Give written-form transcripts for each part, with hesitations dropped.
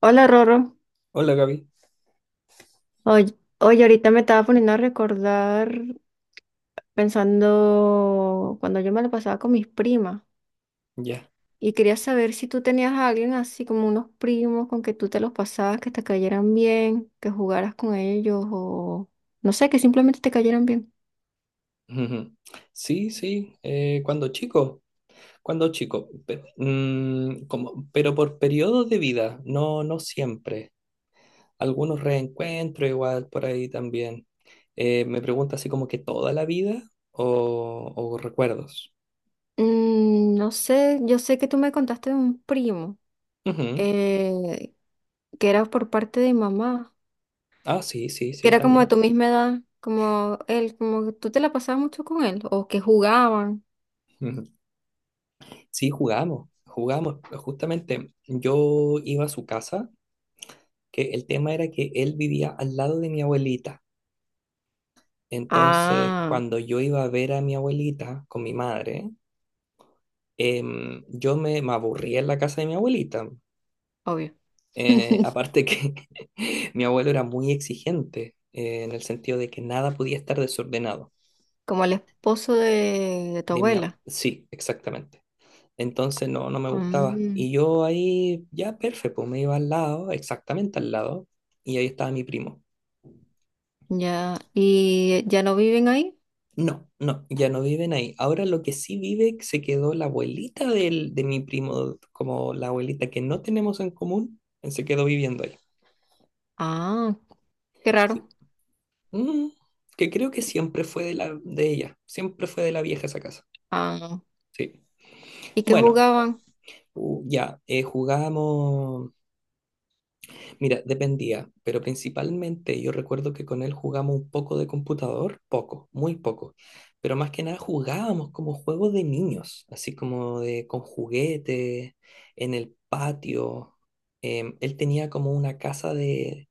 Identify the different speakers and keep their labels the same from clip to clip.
Speaker 1: Hola Rorro,
Speaker 2: Hola Gaby,
Speaker 1: oye, oye, ahorita me estaba poniendo a recordar pensando cuando yo me lo pasaba con mis primas
Speaker 2: ya.
Speaker 1: y quería saber si tú tenías a alguien así como unos primos con que tú te los pasabas, que te cayeran bien, que jugaras con ellos o no sé, que simplemente te cayeran bien.
Speaker 2: Ujú. Sí, sí, cuando chico, como, pero por periodos de vida, no, no siempre. Algunos reencuentros igual por ahí también. Me pregunta así como que toda la vida o recuerdos.
Speaker 1: Mm, no sé, yo sé que tú me contaste de un primo
Speaker 2: Ujú.
Speaker 1: eh, que era por parte de mamá,
Speaker 2: Ah, sí, sí,
Speaker 1: que
Speaker 2: sí,
Speaker 1: era como de tu
Speaker 2: también.
Speaker 1: misma edad, como él, como que tú te la pasabas mucho con él o que jugaban.
Speaker 2: Ujú. Sí, jugamos, jugamos. Justamente yo iba a su casa, que el tema era que él vivía al lado de mi abuelita. Entonces,
Speaker 1: Ah,
Speaker 2: cuando yo iba a ver a mi abuelita con mi madre, yo me aburría en la casa de mi abuelita.
Speaker 1: obvio.
Speaker 2: Aparte que mi abuelo era muy exigente, en el sentido de que nada podía estar desordenado.
Speaker 1: Como el esposo de tu
Speaker 2: De mi,
Speaker 1: abuela.
Speaker 2: sí, exactamente. Entonces no, no me gustaba.
Speaker 1: Mm,
Speaker 2: Y yo ahí, ya perfecto, me iba al lado, exactamente al lado, y ahí estaba mi primo.
Speaker 1: ya. ¿Y ya no viven ahí?
Speaker 2: No, no, ya no viven ahí. Ahora lo que sí vive se quedó la abuelita de mi primo, como la abuelita que no tenemos en común, se quedó viviendo ahí.
Speaker 1: Ah, qué raro.
Speaker 2: Sí. Mm, que creo que siempre fue de la, de ella, siempre fue de la vieja esa casa.
Speaker 1: Ah,
Speaker 2: Sí.
Speaker 1: ¿y qué
Speaker 2: Bueno,
Speaker 1: jugaban?
Speaker 2: ya, jugamos. Mira, dependía, pero principalmente yo recuerdo que con él jugamos un poco de computador, poco, muy poco, pero más que nada jugábamos como juegos de niños, así como de con juguetes, en el patio. Él tenía como una casa de,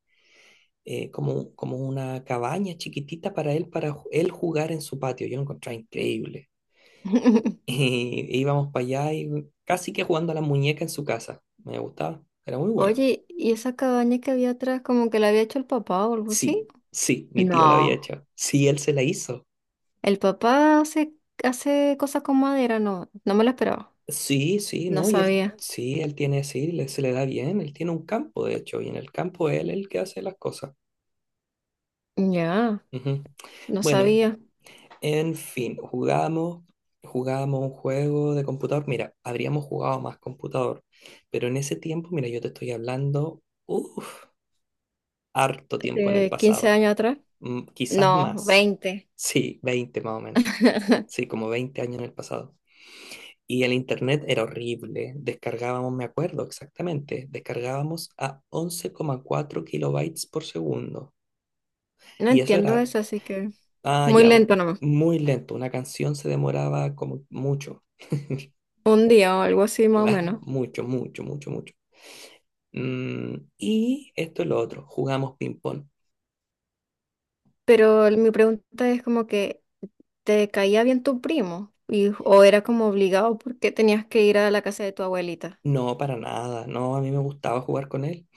Speaker 2: como una cabaña chiquitita para él, para él jugar en su patio. Yo lo encontraba increíble. Y íbamos para allá y casi que jugando a la muñeca en su casa. Me gustaba, era muy bueno.
Speaker 1: Oye, ¿y esa cabaña que había atrás como que la había hecho el papá o algo así?
Speaker 2: Sí, sí, mi tío la había
Speaker 1: No,
Speaker 2: hecho. Sí, él se la hizo.
Speaker 1: el papá hace, hace cosas con madera, no, no me lo esperaba.
Speaker 2: Sí, sí,
Speaker 1: No
Speaker 2: ¿no? Y él,
Speaker 1: sabía.
Speaker 2: sí, él tiene, sí, se le da bien. Él tiene un campo, de hecho, y en el campo él es el que hace las cosas.
Speaker 1: Ya,
Speaker 2: Ujú.
Speaker 1: no
Speaker 2: Bueno,
Speaker 1: sabía.
Speaker 2: en fin, jugamos, jugamos un juego de computador. Mira, habríamos jugado más computador, pero en ese tiempo, mira, yo te estoy hablando, uff, harto tiempo en el
Speaker 1: Hace 15
Speaker 2: pasado.
Speaker 1: años atrás.
Speaker 2: Quizás
Speaker 1: No,
Speaker 2: más.
Speaker 1: 20.
Speaker 2: Sí, 20 más o menos. Sí, como 20 años en el pasado. Y el internet era horrible. Descargábamos, me acuerdo exactamente, descargábamos a 11,4 kilobytes por segundo.
Speaker 1: No
Speaker 2: Y eso
Speaker 1: entiendo
Speaker 2: era,
Speaker 1: eso, así que
Speaker 2: ah,
Speaker 1: muy
Speaker 2: ya,
Speaker 1: lento.
Speaker 2: muy lento. Una canción se demoraba como mucho.
Speaker 1: Un día o algo así más o menos.
Speaker 2: Claro, mucho, mucho, mucho, mucho. Y esto es lo otro, jugamos ping-pong.
Speaker 1: Mi pregunta es como que, ¿te caía bien tu primo? Y, ¿o era como obligado porque tenías que ir a la casa de tu abuelita?
Speaker 2: No, para nada, no, a mí me gustaba jugar con él.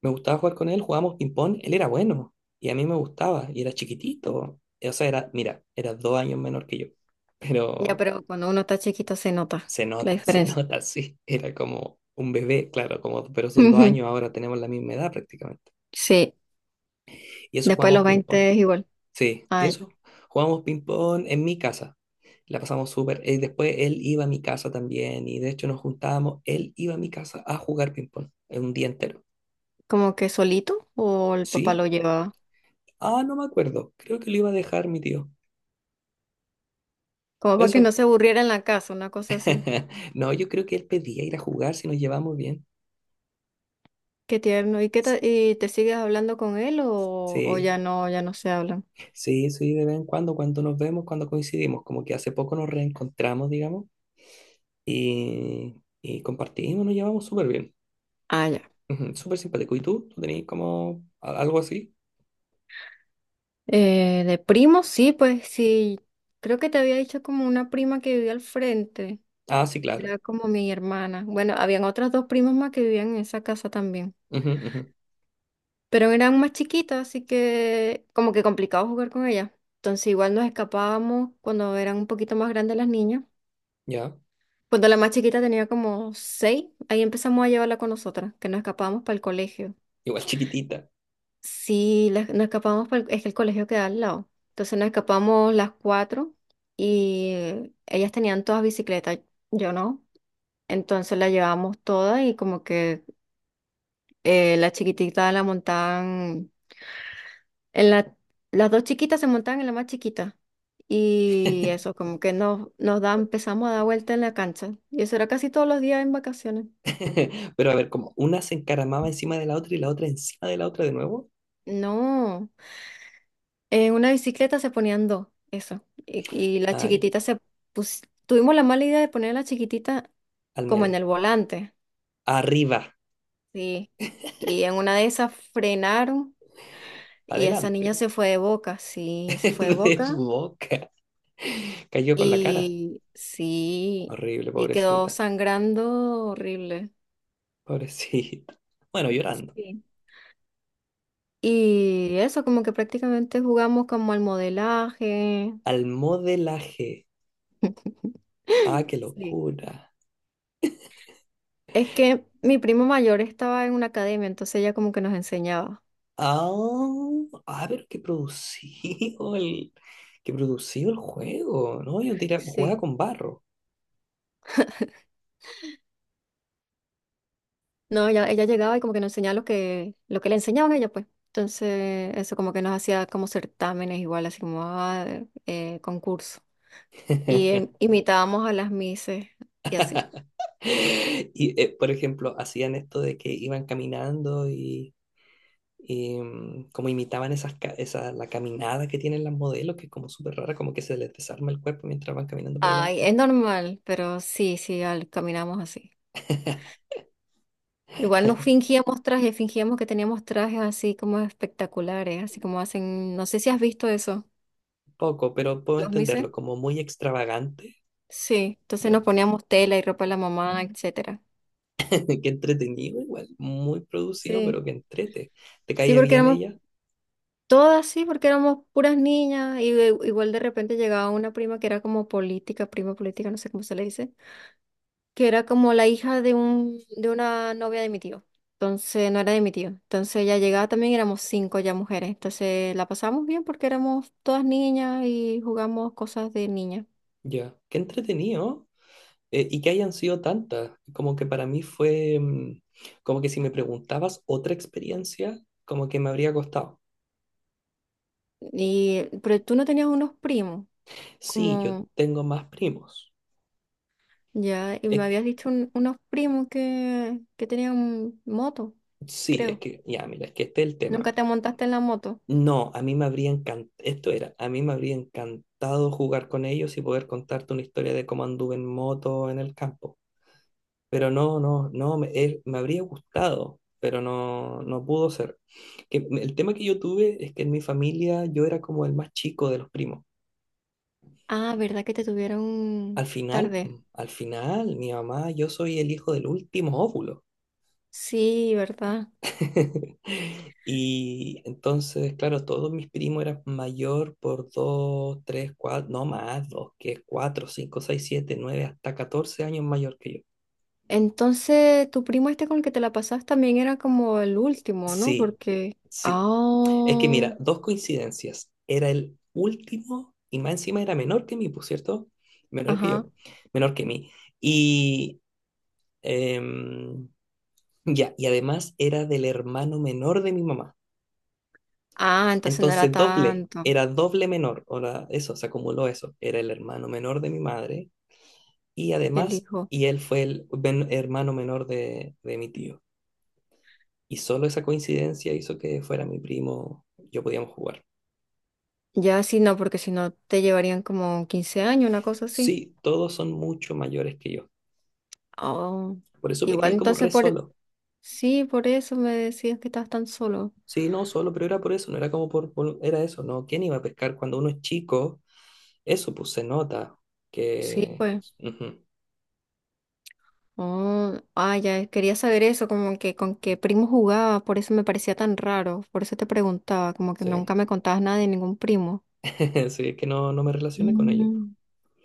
Speaker 2: Me gustaba jugar con él, jugábamos ping-pong, él era bueno y a mí me gustaba y era chiquitito. O sea, era, mira, era 2 años menor que yo,
Speaker 1: Ya,
Speaker 2: pero
Speaker 1: pero cuando uno está chiquito se nota
Speaker 2: se
Speaker 1: la
Speaker 2: nota, se
Speaker 1: diferencia.
Speaker 2: nota, sí. Era como un bebé, claro, como, pero son dos
Speaker 1: Ujú.
Speaker 2: años, ahora tenemos la misma edad prácticamente.
Speaker 1: Sí,
Speaker 2: Y eso
Speaker 1: después de
Speaker 2: jugamos
Speaker 1: los
Speaker 2: ping-pong.
Speaker 1: 20 es igual.
Speaker 2: Sí, y
Speaker 1: Ay,
Speaker 2: eso, jugamos ping-pong en mi casa. La pasamos súper. Y después él iba a mi casa también. Y de hecho nos juntábamos, él iba a mi casa a jugar ping-pong en un día entero.
Speaker 1: como que solito o el papá lo
Speaker 2: ¿Sí?
Speaker 1: llevaba.
Speaker 2: Ah, no me acuerdo. Creo que lo iba a dejar mi tío.
Speaker 1: Como para que no
Speaker 2: Eso.
Speaker 1: se aburriera en la casa, una cosa así.
Speaker 2: No, yo creo que él pedía ir a jugar si nos llevamos bien.
Speaker 1: Qué tierno. ¿Y te sigues hablando con él o,
Speaker 2: Sí.
Speaker 1: ya no, ya no se hablan?
Speaker 2: Sí, sí, de vez en cuando, cuando nos vemos, cuando coincidimos, como que hace poco nos reencontramos, digamos, y, y compartimos, nos llevamos súper bien.
Speaker 1: Ah, ya.
Speaker 2: Ujú, súper simpático. ¿Y tú? ¿Tú tenías como algo así?
Speaker 1: De primos, sí, pues sí. Creo que te había dicho como una prima que vivía al frente.
Speaker 2: Ah, sí,
Speaker 1: Que
Speaker 2: claro.
Speaker 1: era como mi hermana. Bueno, habían otras dos primas más que vivían en esa casa también.
Speaker 2: Ujú, ujú,
Speaker 1: Pero eran más chiquitas, así que como que complicado jugar con ellas. Entonces igual nos escapábamos cuando eran un poquito más grandes las niñas.
Speaker 2: ya,
Speaker 1: Cuando la más chiquita tenía como 6, ahí empezamos a llevarla con nosotras, que nos escapábamos para el colegio.
Speaker 2: igual chiquitita.
Speaker 1: Sí, nos escapamos, es que el colegio queda al lado. Entonces nos escapamos las cuatro y ellas tenían todas bicicletas, yo no. Entonces la llevamos todas y como que la chiquitita la montaban, en la, las dos chiquitas se montaban en la más chiquita. Y eso, como que nos da, empezamos a dar vuelta en la cancha. Y eso era casi todos los días en vacaciones.
Speaker 2: Pero a ver, como una se encaramaba encima de la otra y la otra encima de la otra de nuevo.
Speaker 1: No. En una bicicleta se ponían dos, eso. Y la
Speaker 2: Ah, ya,
Speaker 1: chiquitita se tuvimos la mala idea de poner a la chiquitita
Speaker 2: al
Speaker 1: como en
Speaker 2: medio.
Speaker 1: el volante,
Speaker 2: Arriba,
Speaker 1: sí. Y en una de esas frenaron y esa niña
Speaker 2: adelante,
Speaker 1: se fue de boca, sí, se fue de
Speaker 2: de
Speaker 1: boca.
Speaker 2: boca. Cayó con la cara.
Speaker 1: Y sí,
Speaker 2: Horrible,
Speaker 1: y quedó
Speaker 2: pobrecita,
Speaker 1: sangrando horrible.
Speaker 2: pobrecita. Bueno, llorando.
Speaker 1: Sí. Y eso, como que prácticamente jugamos como al modelaje.
Speaker 2: Al modelaje. Ah, qué
Speaker 1: Sí.
Speaker 2: locura.
Speaker 1: Es que mi primo mayor estaba en una academia, entonces ella como que nos enseñaba.
Speaker 2: Ah, ah, pero qué producido el juego, ¿no? Yo jugaba
Speaker 1: Sí.
Speaker 2: con barro.
Speaker 1: No, ella llegaba y como que nos enseñaba lo que le enseñaban a ella, pues. Entonces, eso como que nos hacía como certámenes igual, así como ah, concurso. Y imitábamos a las mises y así.
Speaker 2: Y, por ejemplo, hacían esto de que iban caminando y, como imitaban esas, esa, la caminada que tienen las modelos, que es como súper rara, como que se les desarma el cuerpo mientras van caminando por
Speaker 1: Ay,
Speaker 2: delante.
Speaker 1: es normal, pero sí, sí, caminamos así. Igual nos fingíamos trajes, fingíamos que teníamos trajes así como espectaculares, así como hacen, no sé si has visto eso,
Speaker 2: Poco, pero puedo
Speaker 1: los mises.
Speaker 2: entenderlo, como muy extravagante.
Speaker 1: Sí, entonces nos poníamos tela y ropa de la mamá, etcétera.
Speaker 2: Qué entretenido, igual. Muy producido, pero
Speaker 1: Sí.
Speaker 2: qué entrete. ¿Te
Speaker 1: Sí,
Speaker 2: caía
Speaker 1: porque
Speaker 2: bien
Speaker 1: éramos.
Speaker 2: ella?
Speaker 1: Todas sí, porque éramos puras niñas y igual de repente llegaba una prima que era como política, prima política, no sé cómo se le dice, que era como la hija de un de una novia de mi tío. Entonces no era de mi tío. Entonces ella llegaba también, éramos cinco ya mujeres. Entonces la pasamos bien porque éramos todas niñas y jugamos cosas de niñas.
Speaker 2: Ya. Qué entretenido. Y que hayan sido tantas. Como que para mí fue. Como que si me preguntabas otra experiencia, como que me habría costado.
Speaker 1: Y pero tú no tenías unos primos,
Speaker 2: Sí, yo
Speaker 1: como
Speaker 2: tengo más primos.
Speaker 1: ya, y me
Speaker 2: Es que-
Speaker 1: habías dicho unos primos que tenían moto,
Speaker 2: sí, es
Speaker 1: creo.
Speaker 2: que. Ya, mira, es que este es el
Speaker 1: ¿Nunca
Speaker 2: tema.
Speaker 1: te montaste en la moto?
Speaker 2: No, a mí me habría encantado. Esto era. A mí me habría encantado jugar con ellos y poder contarte una historia de cómo anduve en moto en el campo. Pero no, no, no, me habría gustado, pero no, no pudo ser. El tema que yo tuve es que en mi familia yo era como el más chico de los primos.
Speaker 1: Ah, ¿verdad que te
Speaker 2: Al
Speaker 1: tuvieron
Speaker 2: final,
Speaker 1: tarde?
Speaker 2: mm, al final, mi mamá, yo soy el hijo del último óvulo.
Speaker 1: Sí, ¿verdad?
Speaker 2: Y entonces, claro, todos mis primos eran mayor por 2 3 4 no más, 2 que 4 5 6 7 9 hasta 14 años mayor que yo.
Speaker 1: Entonces, tu primo este con el que te la pasas también era como el último, ¿no?
Speaker 2: Sí,
Speaker 1: Porque...
Speaker 2: sí. Es que
Speaker 1: Ah,
Speaker 2: mira, dos coincidencias. Era el último y más encima era menor que mí, por cierto. Menor que
Speaker 1: ajá.
Speaker 2: yo. Menor que mí. Y em, ya, y además era del hermano menor de mi mamá.
Speaker 1: Ah, entonces no era
Speaker 2: Entonces doble,
Speaker 1: tanto
Speaker 2: era doble menor. Ahora eso, se acumuló eso. Era el hermano menor de mi madre y
Speaker 1: el
Speaker 2: además,
Speaker 1: hijo.
Speaker 2: y él fue el hermano menor de mi tío. Y solo esa coincidencia hizo que fuera mi primo, yo podíamos jugar.
Speaker 1: Ya sí, no, porque si no te llevarían como 15 años, una cosa así.
Speaker 2: Sí, todos son mucho mayores que yo.
Speaker 1: Oh,
Speaker 2: Por eso me
Speaker 1: igual
Speaker 2: crié como
Speaker 1: entonces
Speaker 2: re
Speaker 1: por...
Speaker 2: solo.
Speaker 1: Sí, por eso me decías que estabas tan solo.
Speaker 2: Sí, no, solo, pero era por eso, no era como era eso, ¿no? ¿Quién iba a pescar cuando uno es chico? Eso, pues se nota
Speaker 1: Sí,
Speaker 2: que.
Speaker 1: pues.
Speaker 2: Ujú,
Speaker 1: Oh, ah, ya, quería saber eso, como que con qué primo jugabas, por eso me parecía tan raro, por eso te preguntaba, como que nunca
Speaker 2: sí,
Speaker 1: me contabas nada de ningún primo.
Speaker 2: sí, es que no, no me relacioné con ellos.
Speaker 1: Mm.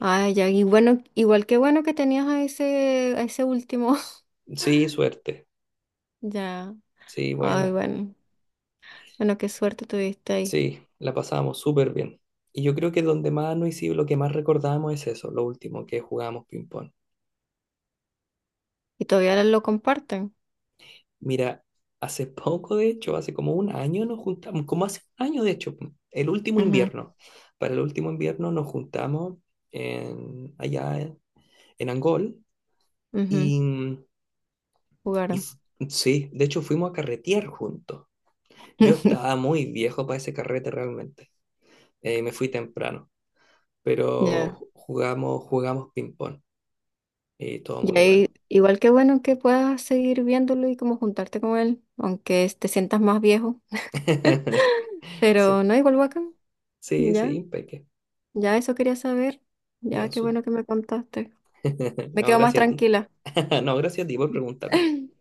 Speaker 1: Ah, ya, y bueno, igual que bueno que tenías a ese último.
Speaker 2: Sí, suerte,
Speaker 1: Ya,
Speaker 2: sí,
Speaker 1: ay,
Speaker 2: buena,
Speaker 1: bueno, bueno, qué suerte tuviste ahí.
Speaker 2: sí, la pasamos súper bien. Y yo creo que donde más nos hicimos, lo que más recordamos es eso, lo último, que jugamos ping-pong.
Speaker 1: Y todavía lo comparten.
Speaker 2: Mira, hace poco, de hecho, hace como un año nos juntamos, como hace un año, de hecho, el último
Speaker 1: Ujú,
Speaker 2: invierno. Para el último invierno nos juntamos allá en Angol
Speaker 1: ujú.
Speaker 2: y, mm, y
Speaker 1: Jugaron.
Speaker 2: f- sí, de hecho fuimos a carretear juntos. Yo estaba muy viejo para ese carrete realmente. Me fui temprano,
Speaker 1: Ya,
Speaker 2: pero jugamos, jugamos ping-pong y todo muy
Speaker 1: y
Speaker 2: bueno.
Speaker 1: ahí, igual que bueno que puedas seguir viéndolo y como juntarte con él, aunque te sientas más viejo, pero
Speaker 2: Sí,
Speaker 1: no igual bacán,
Speaker 2: sí, sí,
Speaker 1: ya.
Speaker 2: impeque.
Speaker 1: Ya eso quería saber. Ya
Speaker 2: Ya,
Speaker 1: qué
Speaker 2: súper.
Speaker 1: bueno que me contaste. Me
Speaker 2: No,
Speaker 1: quedo más
Speaker 2: gracias a ti.
Speaker 1: tranquila.
Speaker 2: No, gracias a ti por preguntarme.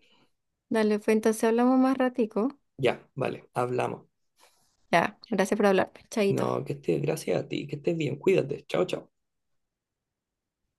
Speaker 1: Dale, pues entonces hablamos más ratico.
Speaker 2: Ya, vale, hablamos.
Speaker 1: Ya, gracias por hablarme. Chaito.
Speaker 2: No, que estés, gracias a ti, que estés bien, cuídate, chao, chao.